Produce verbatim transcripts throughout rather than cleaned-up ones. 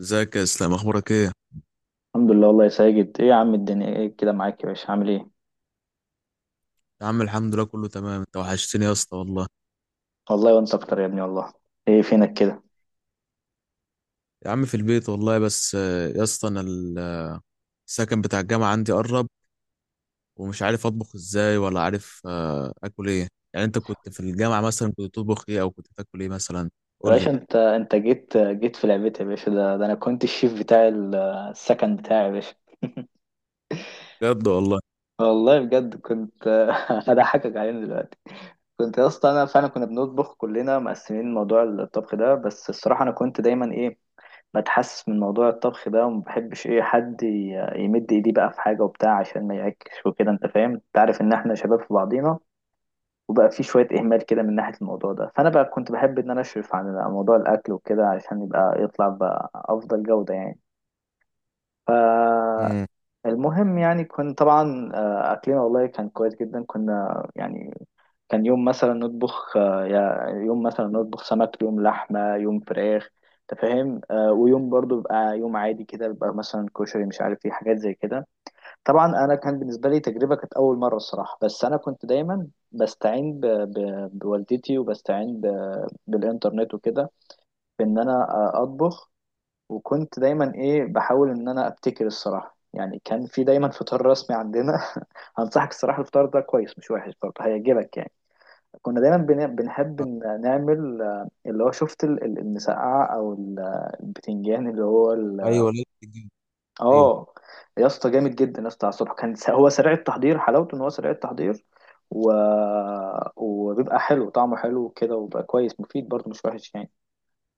ازيك يا اسلام؟ اخبارك ايه؟ الحمد لله والله يا ساجد، ايه يا عم الدنيا ايه كده؟ معاك يا باشا، عامل ايه؟ يا عم الحمد لله، كله تمام. انت وحشتني يا اسطى والله. والله وانت اكتر يا ابني والله. ايه فينك كده؟ يا عم في البيت والله. بس آه، يا اسطى انا ال- السكن بتاع الجامعه عندي قرب، ومش عارف اطبخ ازاي، ولا عارف آه، اكل ايه. يعني انت كنت في الجامعه مثلا، كنت تطبخ ايه او كنت تاكل ايه مثلا؟ يا قول لي. باشا، انت انت جيت جيت في لعبتي يا باشا. ده, ده انا كنت الشيف بتاع ال- السكن بتاعي يا باشا. بجد والله؟ والله بجد كنت هضحكك علينا دلوقتي. كنت يا اسطى انا فعلا، كنا بنطبخ كلنا مقسمين موضوع الطبخ ده، بس الصراحه انا كنت دايما ايه بتحسس من موضوع الطبخ ده، وما بحبش ايه حد ي- يمد ايديه بقى في حاجه وبتاع عشان ما يعكش، وكده انت فاهم، انت عارف ان احنا شباب في بعضينا وبقى في شوية إهمال كده من ناحية الموضوع ده. فأنا بقى كنت بحب إن أنا أشرف عن موضوع الأكل وكده علشان يبقى يطلع بأفضل جودة يعني. امم. فالمهم يعني كنت طبعا آه، أكلنا والله كان كويس جدا، كنا يعني كان يوم مثلا نطبخ آه، يا- يوم مثلا نطبخ سمك، يوم لحمة، يوم فراخ. أنت فاهم؟ آه، ويوم برضو بقى يوم عادي كده، بيبقى مثلا كشري، مش عارف ايه حاجات زي كده. طبعا انا كان بالنسبه لي تجربه، كانت اول مره الصراحه. بس انا كنت دايما بستعين ب... ب... بوالدتي، وبستعين ب... بالانترنت وكده في ان انا اطبخ. وكنت دايما ايه بحاول ان انا ابتكر الصراحه يعني. كان في دايما فطار رسمي عندنا هنصحك الصراحه الفطار ده كويس، مش وحش برضه، هيعجبك يعني. كنا دايما بن... بنحب إن نعمل آه، اللي هو شفت ال- ال- المسقعه، او ال- البتنجان اللي هو ايوه، ليه بتجيب؟ ايوه. اه. يا اسطى جامد جدا يا اسطى، على الصبح كان س- هو سريع التحضير، حلاوته ان هو سريع التحضير. و... وبيبقى حلو، طعمه حلو كده، وبقى كويس مفيد برضه، مش وحش يعني.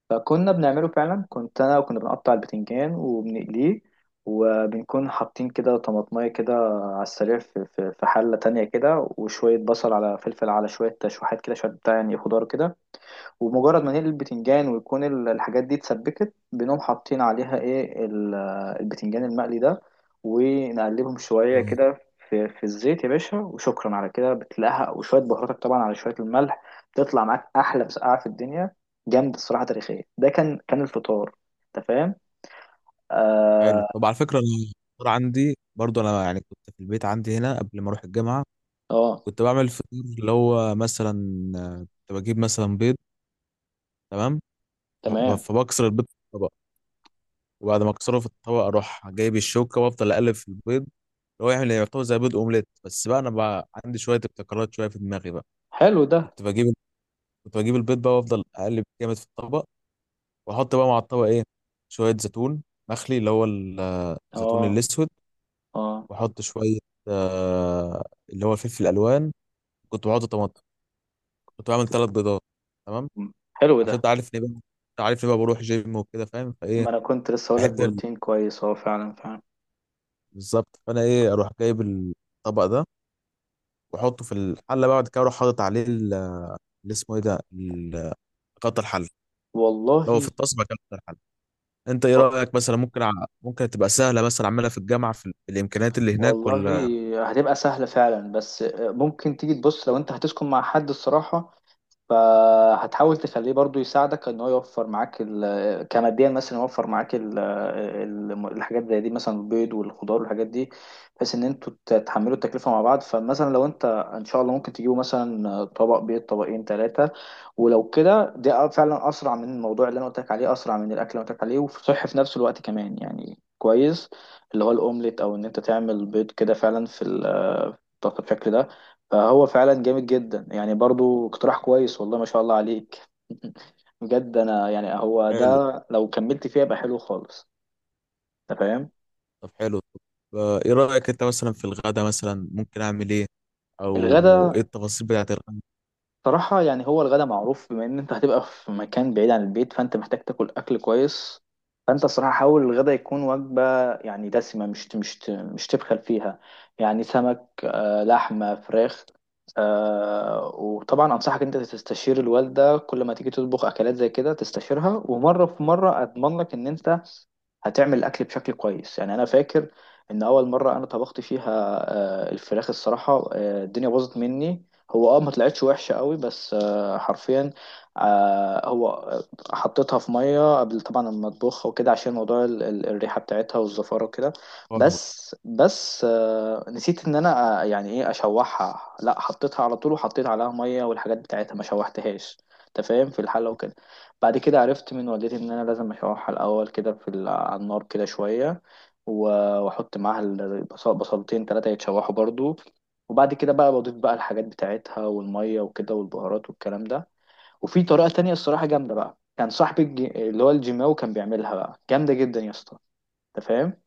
فكنا بنعمله فعلا، كنت انا وكنا بنقطع البتنجان وبنقليه، وبنكون حاطين كده طماطمية كده على السريع في في في حلة تانية كده، وشوية بصل على فلفل على شوية تشويحات كده، شوية بتاع يعني خضار كده. ومجرد ما نقلي البتنجان ويكون ال- الحاجات دي اتسبكت، بنقوم حاطين عليها ايه ال- البتنجان المقلي ده، ونقلبهم شوية طب كده في في الزيت يا باشا، وشكرا على كده بتلاقيها وشوية بهاراتك طبعا على شوية الملح، بتطلع معاك أحلى مسقعة في الدنيا. جامدة الصراحة تاريخية، ده كان كان الفطار. أنت فاهم؟ حلو. آه. طب على فكره، انا الفطار عندي برضو، انا يعني كنت في البيت عندي هنا قبل ما اروح الجامعه. آه. كنت بعمل فطور اللي هو مثلا آه، كنت بجيب مثلا بيض. تمام. ب- تمام. فبكسر البيض في الطبق، وبعد ما اكسره في الطبق اروح جايب الشوكه وافضل اقلب في البيض، اللي هو يعمل يعتبر زي بيض اومليت، بس بقى انا بقى عندي شويه ابتكارات، شويه في دماغي بقى. حلو ده. كنت بجيب كنت بجيب البيض بقى، وافضل اقلب جامد في الطبق، واحط بقى مع الطبق ايه، شويه زيتون، مخلي اللي هو ال- الزيتون آه. الاسود. آه. واحط شويه آه اللي هو الفلفل الالوان، كنت بحط طماطم، كنت بعمل ثلاث بيضات. تمام. م. حلو عشان انت ده. عارف اني بقى، انت عارف اني بقى بروح جيم وكده، فاهم فايه. ما أنا كنت لسه هقولك بحب. بروتين كويس، أه فعلا فعلا. بالظبط، فانا ايه اروح جايب الطبق ده، واحطه في الحله، بقى بعد كده اروح حاطط عليه ال- اللي اسمه ايه ده ال- قطع الحل، لو والله. في الطاسه بقى قطع الحل. انت ايه رايك مثلا؟ ممكن ع... ممكن تبقى سهله مثلا اعملها في الجامعه، في ال- الامكانيات اللي هناك، ولا؟ والله هتبقى سهلة فعلا، بس ممكن تيجي تبص لو انت هتسكن مع حد الصراحة، فهتحاول تخليه برضو يساعدك ان هو يوفر معاك ال- كماديا، مثلا يوفر معاك ال- ال- الحاجات زي دي مثلا البيض والخضار والحاجات دي، بحيث ان انتوا تتحملوا التكلفه مع بعض. فمثلا لو انت ان شاء الله، ممكن تجيبوا مثلا طبق بيض، طبقين ثلاثه. ولو كده، ده فعلا اسرع من الموضوع اللي انا قلت لك عليه، اسرع من الاكل اللي أنا قلت لك عليه، وصحي في نفس الوقت كمان يعني كويس. اللي هو الاومليت، او ان انت تعمل بيض كده فعلا في ال- بالشكل ده، فهو فعلا جامد جدا يعني، برضو اقتراح كويس والله، ما شاء الله عليك بجد انا يعني هو حلو. ده، لو كملت فيها يبقى حلو خالص. انت فاهم؟ طب حلو طب، آه، ايه رايك انت مثلا في الغدا؟ مثلا ممكن اعمل ايه؟ او ايه الغدا؟ التفاصيل بتاعت الغدا؟ صراحة يعني هو الغدا معروف، بما ان انت هتبقى في مكان بعيد عن البيت، فانت محتاج تاكل اكل كويس. فانت الصراحة حاول الغدا يكون وجبة يعني دسمة، مش مش مش تبخل فيها. يعني سمك، آه، لحمة، فراخ. آه، وطبعا انصحك انت تستشير الوالدة كل ما تيجي تطبخ اكلات زي كده، تستشيرها ومرة في مرة اضمن لك ان انت هتعمل الاكل بشكل كويس يعني. انا فاكر ان اول مره انا طبخت فيها آه، الفراخ الصراحه، آه، الدنيا باظت مني. هو اه، ما طلعتش وحشه قوي، بس آه، حرفيا آه، هو آه، حطيتها في ميه قبل طبعا ما اطبخها وكده، عشان موضوع ال- ال- الريحه بتاعتها والزفاره وكده. بس بس آه، نسيت ان انا آه، يعني ايه اشوحها، لا حطيتها على طول وحطيت عليها ميه والحاجات بتاعتها، ما شوحتهاش. انت فاهم، في الحله وكده. بعد كده عرفت من والدتي ان انا لازم اشوحها الاول كده في ال- على النار كده شويه، و- واحط معاها البصل بصلتين ثلاثه يتشوحوا برضو. وبعد كده بقى بضيف بقى الحاجات بتاعتها والميه وكده، والبهارات والكلام ده. وفي طريقه تانية الصراحه جامده بقى، كان صاحبي الج- اللي هو الجيماوي كان بيعملها بقى جامده جدا يا اسطى، انت فاهم.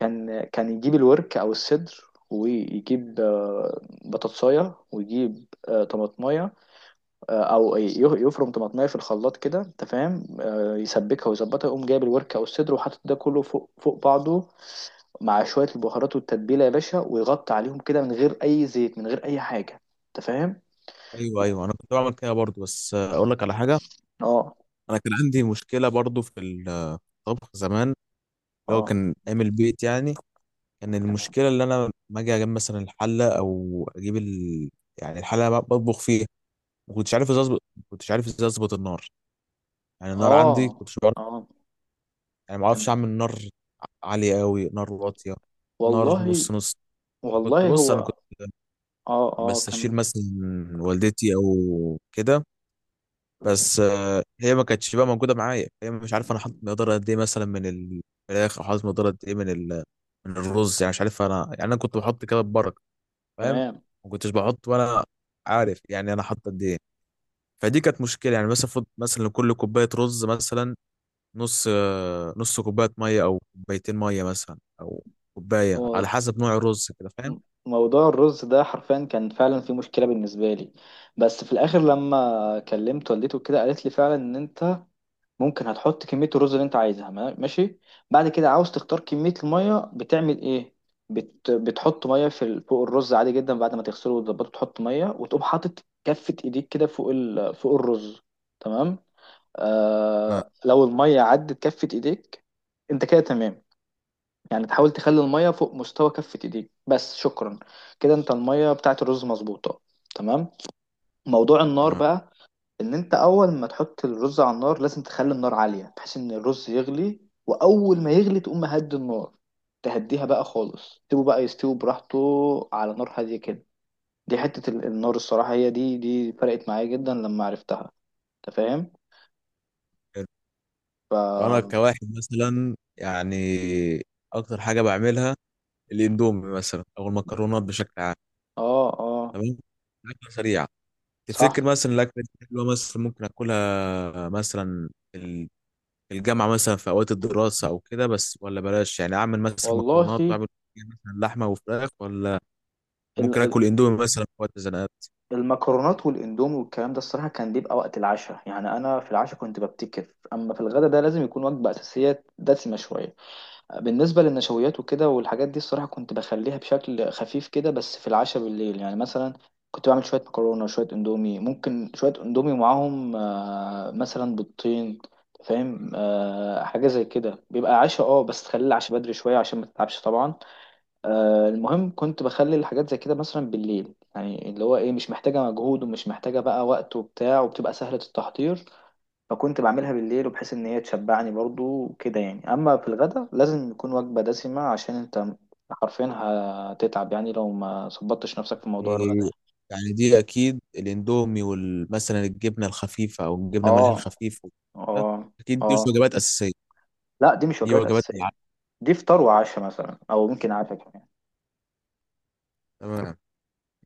كان كان يجيب الورك او الصدر، ويجيب آه، بطاطسايه، ويجيب آه، طماطمايه، آه، او ي- يفرم طماطمايه في الخلاط كده انت فاهم، آه، يسبكها ويظبطها، يقوم جايب الورك او الصدر وحاطط ده كله فوق فوق بعضه، مع شويه البهارات والتتبيله يا باشا، ويغطي عليهم كده من غير اي زيت من غير اي حاجه. انت فاهم؟ ايوه، ايوه، انا كنت بعمل كده برضو، بس آه، اقول لك على حاجه. اه. انا كان عندي مشكله برضو في الطبخ زمان، اللي هو اه كان عامل بيت يعني. كان تمام. المشكله اللي انا لما اجي اجيب مثلا الحله، او اجيب ال... يعني الحله اللي أنا بطبخ فيها، ما كنتش عارف ازاي اظبط ما كنتش عارف ازاي اظبط النار. يعني النار اه. عندي كنتش بعرف. اه يعني ما اعرفش تمام. اعمل نار عاليه قوي، نار واطيه، نار والله. نص نص. كنت والله بص، انا هو. كنت اه، اه بستشير كمل. مثلا والدتي او كده. بس آه، هي ما كانتش بقى موجوده معايا، هي مش عارف انا حاطط مقدار قد ايه مثلا من الفراخ، او حاطط مقدار قد ايه من ال... من الرز. يعني مش عارف انا، يعني انا كنت بحط كده ببركه، فاهم. تمام. ما كنتش بحط وانا عارف يعني انا حاطط قد ايه. فدي كانت مشكله، يعني مثلا فض- مثلا لكل كوبايه رز مثلا نص آه، نص كوبايه ميه، او كوبايتين ميه مثلا، او كوبايه على هو حسب نوع الرز كده، فاهم؟ م- موضوع الرز ده حرفيا كان فعلا في مشكلة بالنسبة لي. بس في الآخر لما كلمت والدته كده، قالت لي فعلا إن أنت ممكن هتحط كمية الرز اللي انت عايزها، ما- ماشي. بعد كده عاوز تختار كمية المية، بتعمل ايه؟ بت... بتحط مية في ال- فوق الرز عادي جدا، بعد ما تغسله وتظبطه تحط مية، وتقوم حاطط كفة ايديك كده فوق ال... فوق الرز، تمام؟ تمام. آه... لو المية عدت كفة ايديك انت كده تمام. يعني تحاول تخلي المية فوق مستوى كفة ايديك بس، شكرا. كده انت المية بتاعت الرز مظبوطة، تمام. موضوع النار بقى، ان انت اول ما تحط الرز على النار لازم تخلي النار عالية بحيث ان الرز يغلي، واول ما يغلي تقوم مهدي النار، تهديها بقى خالص، تسيبه بقى يستوي براحته على نار هادية كده. دي حتة ال- النار الصراحة، هي دي دي فرقت معايا جدا لما عرفتها. انت فاهم؟ حلو. ف انا اه. كواحد مثلا يعني اكتر حاجه بعملها الاندومي مثلا، او المكرونات بشكل عام. اه تمام. اكله سريعه. صح تفتكر مثلا الاكله دي حلوه؟ مثلا ممكن اكلها مثلا الجامعة مثلا في أوقات الدراسة أو كده بس؟ ولا بلاش يعني أعمل مثلا والله. مكرونات، وأعمل مثلا لحمة وفراخ؟ ولا ال- ممكن ال- آكل إندومي مثلا في وقت الزنقات المكرونات والاندومي والكلام ده الصراحة كان بيبقى وقت العشاء يعني، انا في العشاء كنت ببتكر، اما في الغدا ده لازم يكون وجبة اساسية دسمة شوية. بالنسبة للنشويات وكده والحاجات دي الصراحة كنت بخليها بشكل خفيف كده، بس في العشاء بالليل يعني مثلا كنت بعمل شوية مكرونة، شوية اندومي، ممكن شوية اندومي معاهم آه، مثلا بيضتين. فاهم؟ آه، حاجة زي كده بيبقى عشاء اه، بس تخلي العشاء بدري شوية عشان ما تتعبش طبعا. آه المهم كنت بخلي الحاجات زي كده مثلا بالليل يعني، اللي هو ايه مش محتاجة مجهود ومش محتاجة بقى وقت وبتاع، وبتبقى سهلة التحضير. فكنت بعملها بالليل، وبحيث ان هي تشبعني برضو وكده يعني. اما في الغدا لازم يكون وجبة دسمة عشان انت حرفيا هتتعب، يعني لو ما ظبطتش نفسك في موضوع يعني. الغدا يعني. يعني دي أكيد الإندومي وال- مثلا الجبنة الخفيفة أو الجبنة ملح اه. الخفيف وكده، اه. أكيد دي مش اه، وجبات أساسية. لا دي مش دي وجبات وجبات العشاء. اساسية. دي فطار وعشاء مثلا، او ممكن عشاء كمان. تمام.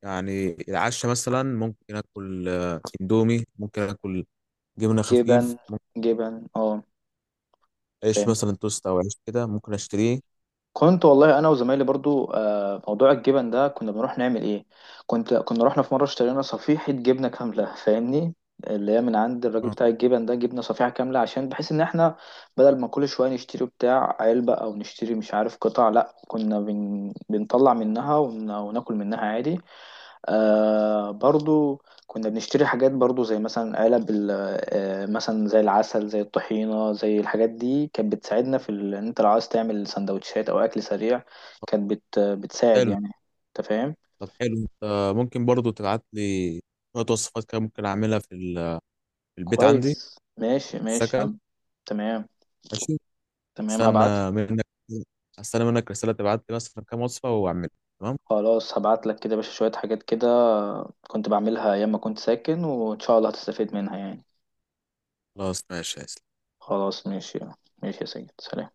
يعني العشاء مثلا ممكن آكل آه، إندومي، ممكن آكل جبنة جبن. خفيف، ممكن جبن اه. عيش فاهم؟ مثلا توست أو عيش كده ممكن أشتريه. كنت والله انا وزمايلي برضو آه، موضوع الجبن ده كنا بنروح نعمل ايه، كنت كنا رحنا في مره اشترينا صفيحه جبنه كامله، فاهمني؟ اللي هي من عند الراجل آه. بتاع الجبن ده، جبنه صفيحه كامله، عشان بحيث ان احنا بدل ما كل شويه نشتري بتاع علبه او نشتري مش عارف قطع، لا كنا بن... بنطلع منها ون... وناكل منها عادي. آه، برضو كنا بنشتري حاجات برضو زي مثلا علب ال- آه مثلا زي العسل، زي الطحينة، زي الحاجات دي كانت بتساعدنا في ال- ان انت لو عايز تعمل سندوتشات او اكل سريع كانت بت بتساعد حلو. يعني. انت فاهم؟ طب حلو، انت ممكن برضو تبعت لي شوية وصفات كده ممكن اعملها في ال- في البيت عندي في كويس ماشي ماشي. السكن. هم. تمام. ماشي. تمام هبعت لك. استنى منك استنى منك رسالة تبعت لي مثلا كام وصفة واعملها. تمام. خلاص هبعت لك كده يا باشا شوية حاجات كده، كنت بعملها ايام ما كنت ساكن، وان شاء الله هتستفيد منها يعني. خلاص ماشي. خلاص ماشي. ماشي يا سيد سلام.